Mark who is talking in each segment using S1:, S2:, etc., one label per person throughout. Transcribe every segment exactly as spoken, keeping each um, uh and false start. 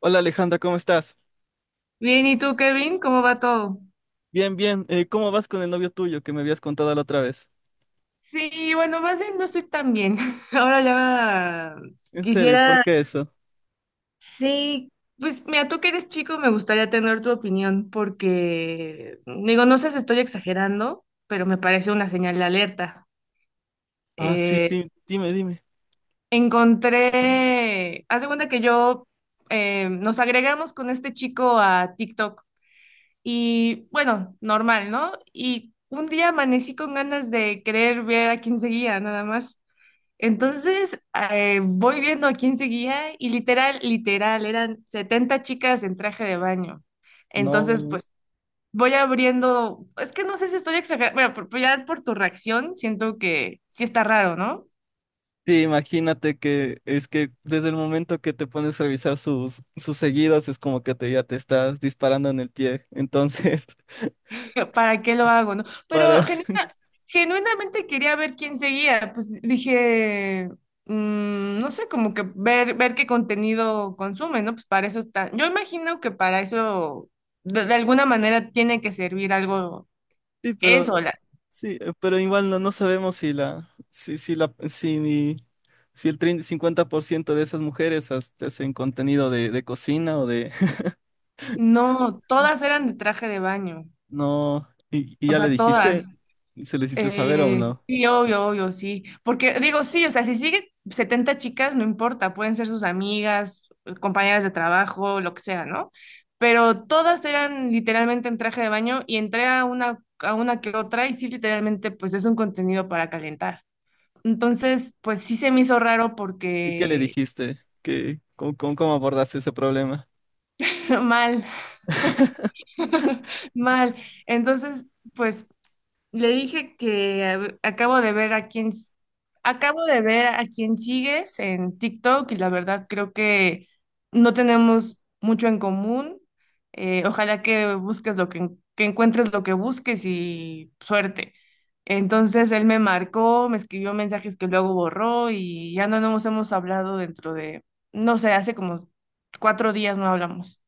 S1: Hola Alejandra, ¿cómo estás?
S2: Bien, ¿y tú, Kevin? ¿Cómo va todo?
S1: Bien, bien. Eh, ¿cómo vas con el novio tuyo que me habías contado la otra vez?
S2: Sí, bueno, más bien no estoy tan bien. Ahora ya
S1: En serio, ¿por
S2: quisiera,
S1: qué eso?
S2: sí, pues mira, tú que eres chico, me gustaría tener tu opinión porque, digo, no sé si estoy exagerando, pero me parece una señal de alerta.
S1: Ah, sí,
S2: Eh,
S1: di- dime, dime.
S2: encontré, haz de cuenta que yo eh, nos agregamos con este chico a TikTok y bueno, normal, ¿no? Y un día amanecí con ganas de querer ver a quién seguía, nada más. Entonces, eh, voy viendo a quién seguía y literal, literal, eran setenta chicas en traje de baño. Entonces,
S1: No.
S2: pues voy abriendo, es que no sé si estoy exagerando, bueno, por- por- ya por tu reacción siento que sí está raro, ¿no?
S1: Sí, imagínate que es que desde el momento que te pones a revisar sus, sus seguidos es como que te, ya te estás disparando en el pie. Entonces,
S2: ¿Para qué lo hago, no?
S1: para.
S2: Pero genuina- genuinamente quería ver quién seguía, pues dije, mm, no sé, como que ver, ver qué contenido consume, ¿no? Pues para eso está, yo imagino que para eso de, de alguna manera tiene que servir algo.
S1: Sí, pero
S2: Eso, la-
S1: sí, eh, pero igual no, no sabemos si la, si, si la, si, ni- si el trein- cincuenta por ciento de esas mujeres hasta hacen contenido de, de cocina o de.
S2: no, todas eran de traje de baño,
S1: No, ¿y, y
S2: o
S1: ya le
S2: sea,
S1: dijiste?
S2: todas.
S1: ¿Se le hiciste saber o
S2: Eh,
S1: no?
S2: sí, obvio, obvio, sí. Porque digo, sí, o sea, si sigue setenta chicas, no importa, pueden ser sus amigas, compañeras de trabajo, lo que sea, ¿no? Pero todas eran literalmente en traje de baño y entré a una, a una que otra y sí, literalmente, pues es un contenido para calentar. Entonces, pues sí se me hizo raro
S1: ¿Y qué le
S2: porque
S1: dijiste? ¿Qué, cómo, cómo- cómo abordaste ese problema?
S2: mal, mal. Entonces, pues le dije que a acabo de ver a quién, s- acabo de ver a quién sigues en TikTok y la verdad creo que no tenemos mucho en común. Eh, ojalá que busques lo que, en- que encuentres lo que busques y suerte. Entonces él me marcó, me escribió mensajes que luego borró y ya no nos hemos hablado dentro de, no sé, hace como cuatro días no hablamos.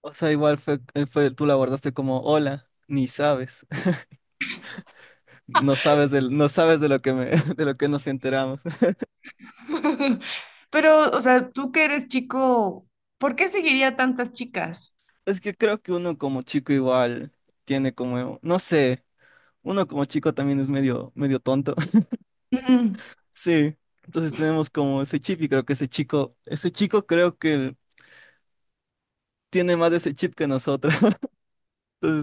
S1: O sea, igual fue, eh, fue, tú la abordaste como, hola, ni sabes, no sabes de, no sabes de lo que me, de lo que nos enteramos.
S2: Pero, o sea, tú que eres chico, ¿por qué seguiría a tantas chicas?
S1: Es que creo que uno como chico igual tiene como, no sé, uno como chico también es medio, medio tonto.
S2: Ujú,
S1: Sí, entonces tenemos como ese chip y creo que ese chico, ese chico creo que tiene más de ese chip que nosotros.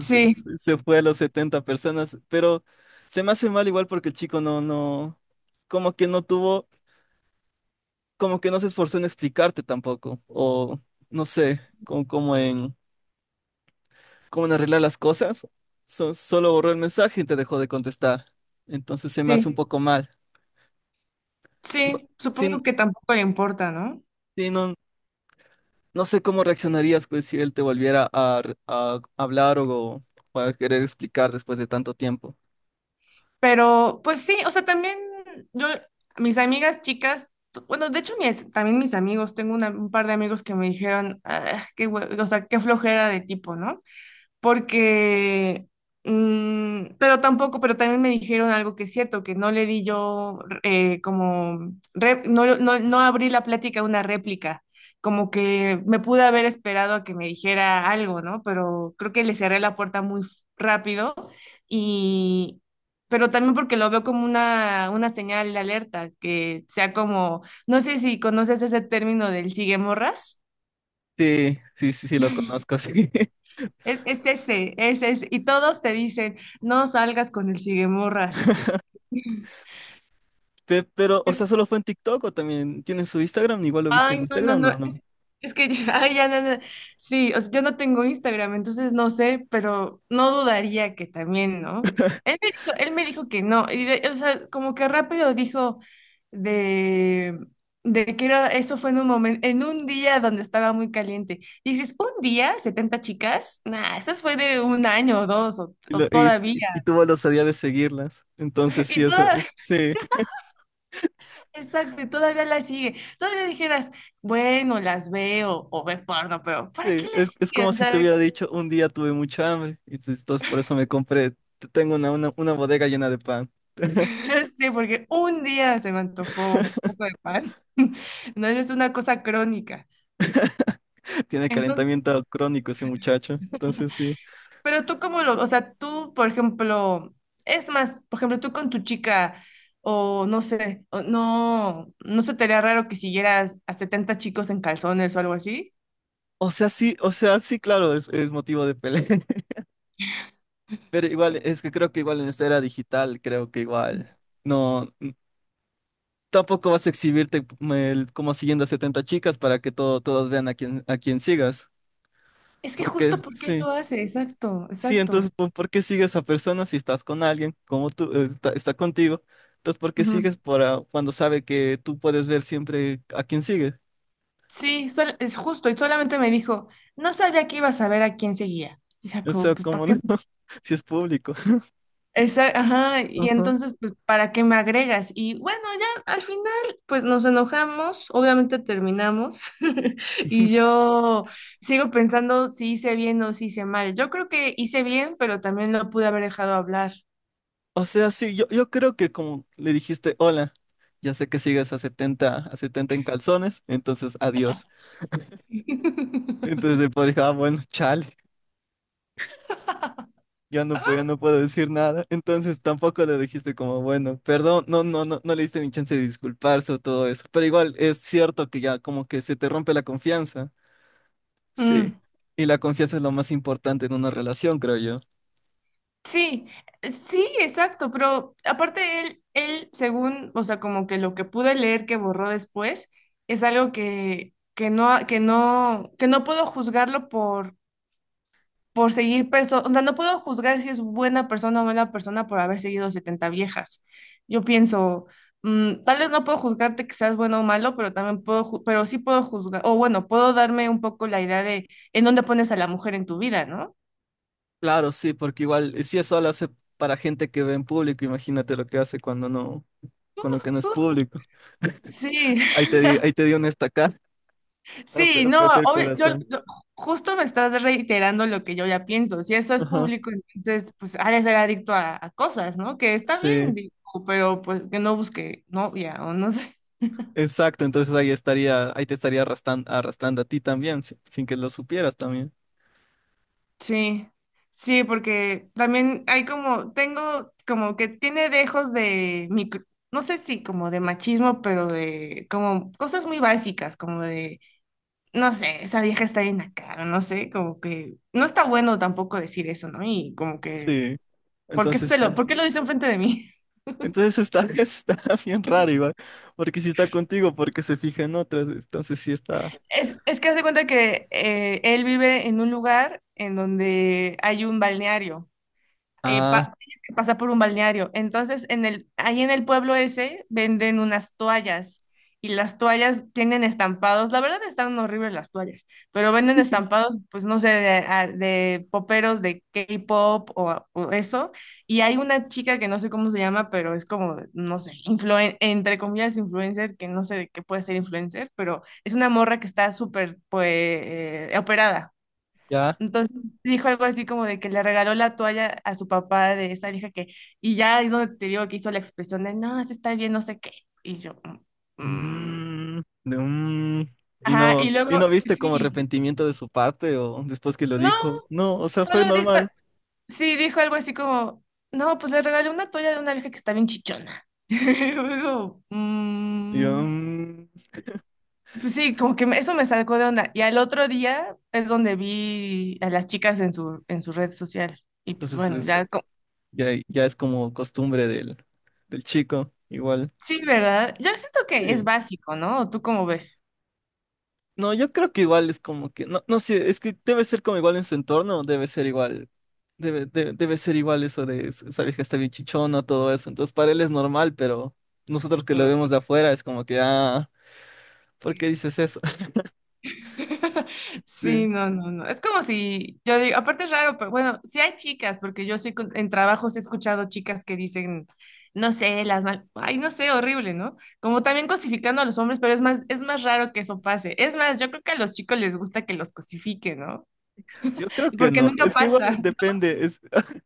S2: sí,
S1: se se fue a las setenta personas, pero se me hace mal igual porque el chico no, no, como que no tuvo, como, que no se esforzó en explicarte tampoco, o no sé, como, como en, como en arreglar las cosas. So- solo borró el mensaje y te dejó de contestar, entonces se me hace un
S2: sí,
S1: poco mal. No,
S2: sí,
S1: sí,
S2: supongo que tampoco le importa, ¿no?
S1: sí, no, no sé cómo reaccionarías pues, si él te volviera a, re- a hablar, o, o a querer explicar después de tanto tiempo.
S2: Pero, pues sí, o sea, también yo, mis amigas chicas, bueno, de hecho, mis- también mis amigos, tengo una- un par de amigos que me dijeron, "Ah, qué, hue- o sea, qué flojera de tipo, ¿no? Porque, mm, pero tampoco, pero también me dijeron algo que es cierto, que no le di yo eh, como, re- no, no, no abrí la plática a una réplica, como que me pude haber esperado a que me dijera algo, ¿no? Pero creo que le cerré la puerta muy f- rápido y... Pero también porque lo veo como una, una señal de alerta, que sea como, no sé si conoces ese término del sigue morras.
S1: Sí, sí, sí, sí, lo conozco, sí.
S2: Es, es ese, es ese. Y todos te dicen, no salgas con el siguemorras.
S1: Pe- Pero, o sea, ¿solo fue en TikTok o también tiene su Instagram? Igual lo viste en
S2: Ay, no, no,
S1: Instagram,
S2: no.
S1: ¿no? No.
S2: Es, es que ay, ya, no, no. Sí, o sea, yo no tengo Instagram, entonces no sé, pero no dudaría que también, ¿no? Él me dijo, él me dijo que no, y de- o sea, como que rápido dijo de, de que era, eso fue en un momento, en un día donde estaba muy caliente. Y dices, ¿un día? ¿Setenta chicas? Nah, eso fue de un año o dos, o,
S1: Y,
S2: o
S1: lo- y,
S2: todavía.
S1: y- tuvo la osadía de seguirlas. Entonces, sí,
S2: Y
S1: eso,
S2: toda,
S1: sí,
S2: exacto, y todavía la sigue. Todavía dijeras, bueno, las veo o ver porno, pero ¿para
S1: sí.
S2: qué
S1: Es,
S2: las
S1: es como
S2: siguen?
S1: si te
S2: Sabes.
S1: hubiera dicho, un día tuve mucha hambre. Y entonces, entonces por eso me compré, tengo una, una, una bodega llena de pan.
S2: Sí, porque un día se me antojó un poco de pan. No es una cosa crónica.
S1: Tiene
S2: Entonces,
S1: calentamiento crónico ese muchacho. Entonces, sí.
S2: pero tú cómo lo, o sea, tú, por ejemplo, es más, por ejemplo, tú con tu chica, o no sé, o no, no se te haría raro que siguieras a setenta chicos en calzones o algo así.
S1: O sea, sí, o sea, sí, claro, es, es motivo de pelea. Pero igual, es que creo que igual en esta era digital, creo que igual. No, tampoco vas a exhibirte eh, como siguiendo a setenta chicas para que todo, todas vean a quién, a quién sigas.
S2: Es que
S1: Porque,
S2: justo porque
S1: sí,
S2: lo hace, exacto,
S1: sí, entonces,
S2: exacto.
S1: ¿por, por qué sigues a personas si estás con alguien como tú, eh, está, está contigo? Entonces, ¿por qué sigues para cuando sabe que tú puedes ver siempre a quién sigue?
S2: Sí, sol- es justo, y solamente me dijo, no sabía que iba a saber a quién seguía. Y ya
S1: O
S2: como,
S1: sea,
S2: pues, ¿para
S1: como
S2: qué?
S1: no, si es público.
S2: Esa, ajá, y
S1: Ajá.
S2: entonces, pues, ¿para qué me agregas? Y bueno, ya al final, pues nos enojamos, obviamente terminamos, y yo sigo pensando si hice bien o si hice mal. Yo creo que hice bien, pero también lo pude haber dejado hablar.
S1: O sea, sí, yo, yo creo que como le dijiste, hola, ya sé que sigues a setenta a setenta en calzones, entonces adiós. Entonces el padre dijo, ah, bueno, chale. Yo no, pu- yo no puedo decir nada. Entonces tampoco le dijiste como, bueno, perdón, no, no, no, no le diste ni chance de disculparse o todo eso. Pero igual es cierto que ya como que se te rompe la confianza. Sí.
S2: Mm.
S1: Y la confianza es lo más importante en una relación, creo yo.
S2: Sí, eh, sí, exacto, pero aparte él, él, según, o sea, como que lo que pude leer que borró después, es algo que, que no, que no, que no puedo juzgarlo por, por seguir personas, o sea, no puedo juzgar si es buena persona o mala persona por haber seguido setenta viejas. Yo pienso, mm, tal vez no puedo juzgarte que seas bueno o malo, pero también puedo, ju- pero sí puedo juzgar, o bueno, puedo darme un poco la idea de en dónde pones a la mujer en tu vida, ¿no?
S1: Claro, sí, porque igual eh, si eso lo hace para gente que ve en público, imagínate lo que hace cuando no, con lo que no es público.
S2: Sí,
S1: Ahí te di, ahí te di una estacada. Ap-
S2: sí, no,
S1: Apreté el
S2: obvio- yo,
S1: corazón.
S2: yo justo me estás reiterando lo que yo ya pienso. Si eso es
S1: Ajá.
S2: público, entonces pues ha de ser adicto a, a cosas, ¿no? Que está bien,
S1: Sí.
S2: digo, pero pues que no busque novia o no sé.
S1: Exacto, entonces ahí estaría, ahí te estaría arrastrando, arrastrando a ti también, si- sin que lo supieras también.
S2: Sí, sí, porque también hay como, tengo como que tiene dejos de micro, no sé si como de machismo, pero de como cosas muy básicas, como de, no sé, esa vieja está bien acá, o no sé, como que no está bueno tampoco decir eso, ¿no? Y como que
S1: Sí,
S2: ¿por qué,
S1: entonces
S2: se lo,
S1: sí.
S2: ¿por qué lo dice enfrente de mí?
S1: Entonces está, está bien raro igual, porque si está contigo, porque se fija en otras, entonces sí está.
S2: Es, es que hace cuenta que eh, él vive en un lugar en donde hay un balneario. eh,
S1: Ah,
S2: pa- tienes que pasar por un balneario. Entonces, en el, ahí en el pueblo ese venden unas toallas y las toallas tienen estampados. La verdad están horribles las toallas, pero venden estampados, pues no sé, de, a- de poperos de K-pop o, o eso. Y hay una chica que no sé cómo se llama, pero es como, no sé, influen- entre comillas, influencer, que no sé de qué puede ser influencer, pero es una morra que está súper, pues, eh, operada.
S1: ya.
S2: Entonces dijo algo así como de que le regaló la toalla a su papá de esa vieja que, y ya es donde te digo que hizo la expresión de, no, eso está bien, no sé qué. Y yo, "Mm, mm".
S1: Mm, de- mm. ¿Y
S2: Ajá,
S1: no,
S2: y
S1: y
S2: luego,
S1: no viste como
S2: sí,
S1: arrepentimiento de su parte o después que lo
S2: no,
S1: dijo? No, o sea, fue
S2: solo dijo,
S1: normal.
S2: sí, dijo algo así como, no, pues le regalé una toalla de una vieja que está bien chichona. Y luego,
S1: Y yo,
S2: "Mm".
S1: mm,
S2: Pues sí, como que me- eso me sacó de onda. Y al otro día es donde vi a las chicas en su, en su red social. Y pues
S1: entonces
S2: bueno,
S1: es,
S2: ya.
S1: ya, ya es como costumbre del, del chico, igual.
S2: Sí, ¿verdad? Yo siento
S1: Sí.
S2: que es básico, ¿no? ¿O tú cómo ves?
S1: No, yo creo que igual es como que, no, no sé, es que debe ser como igual en su entorno, debe ser igual, debe, de- debe ser igual eso de "Es- esa vieja está bien chichona", todo eso. Entonces para él es normal, pero nosotros que lo
S2: Mm.
S1: vemos de afuera es como que, ah, ¿por qué dices eso? Sí,
S2: Sí, no, no, no. Es como si, yo digo, aparte es raro, pero bueno, sí hay chicas, porque yo sí con- en trabajos he escuchado chicas que dicen, no sé, las mal, ay, no sé, horrible, ¿no? Como también cosificando a los hombres, pero es más, es más raro que eso pase. Es más, yo creo que a los chicos les gusta que los cosifiquen, ¿no?
S1: yo creo que
S2: Porque
S1: no,
S2: nunca
S1: es que igual
S2: pasa.
S1: depende, es,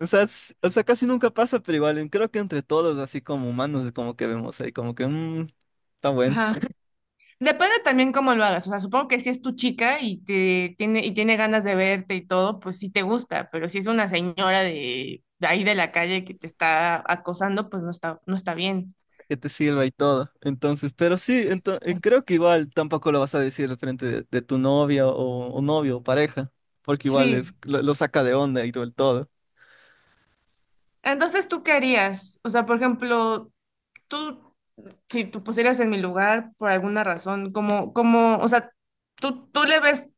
S1: o sea, es- o sea, casi nunca pasa, pero igual en- creo que entre todos, así como humanos, es como que vemos ahí, como que, "Mm, está bueno,
S2: Depende también cómo lo hagas. O sea, supongo que si es tu chica y te tiene, y tiene ganas de verte y todo, pues sí te gusta. Pero si es una señora de, de ahí de la calle que te está acosando, pues no está, no está bien.
S1: que te sirva y todo". Entonces, pero sí, ento- eh, creo que igual tampoco lo vas a decir frente de, de tu novia o, o novio o pareja, porque igual es,
S2: Sí.
S1: lo, lo saca de onda y todo el todo.
S2: Entonces, ¿tú qué harías? O sea, por ejemplo, tú, si tú pusieras en mi lugar por alguna razón, como, como, o sea, tú, tú le ves,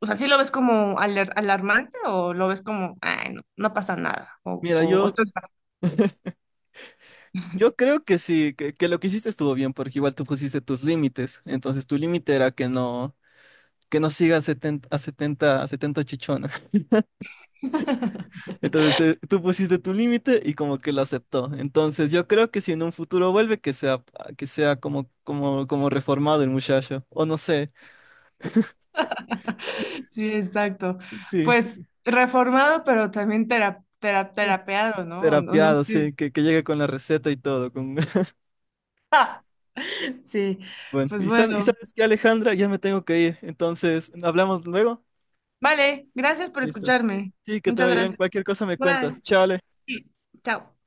S2: o sea, ¿sí lo ves como alar- alarmante o lo ves como, ay, no, no pasa nada? O,
S1: Mira,
S2: o, o
S1: yo,
S2: estoy
S1: yo creo que sí, que, que lo que hiciste estuvo bien, porque igual tú pusiste tus límites. Entonces, tu límite era que no, que no siga a setenta a setenta a setenta chichona. Entonces, eh, tú pusiste tu límite y como que lo aceptó. Entonces, yo creo que si en un futuro vuelve, que sea, que sea como, como, como, reformado el muchacho, o no sé.
S2: sí, exacto.
S1: Sí.
S2: Pues reformado, pero también tera tera terapeado, ¿no? O no, no
S1: Terapiado,
S2: sé.
S1: sí, que, que llegue con la receta y todo. Con.
S2: Sí,
S1: Bueno,
S2: pues
S1: y, sab- y
S2: bueno.
S1: sabes que Alejandra, ya me tengo que ir. Entonces, ¿hablamos luego?
S2: Vale, gracias por
S1: Listo.
S2: escucharme.
S1: Sí, que te
S2: Muchas
S1: vaya bien.
S2: gracias.
S1: Cualquier cosa me cuentas.
S2: Bye.
S1: Chao, Ale.
S2: Sí, chao.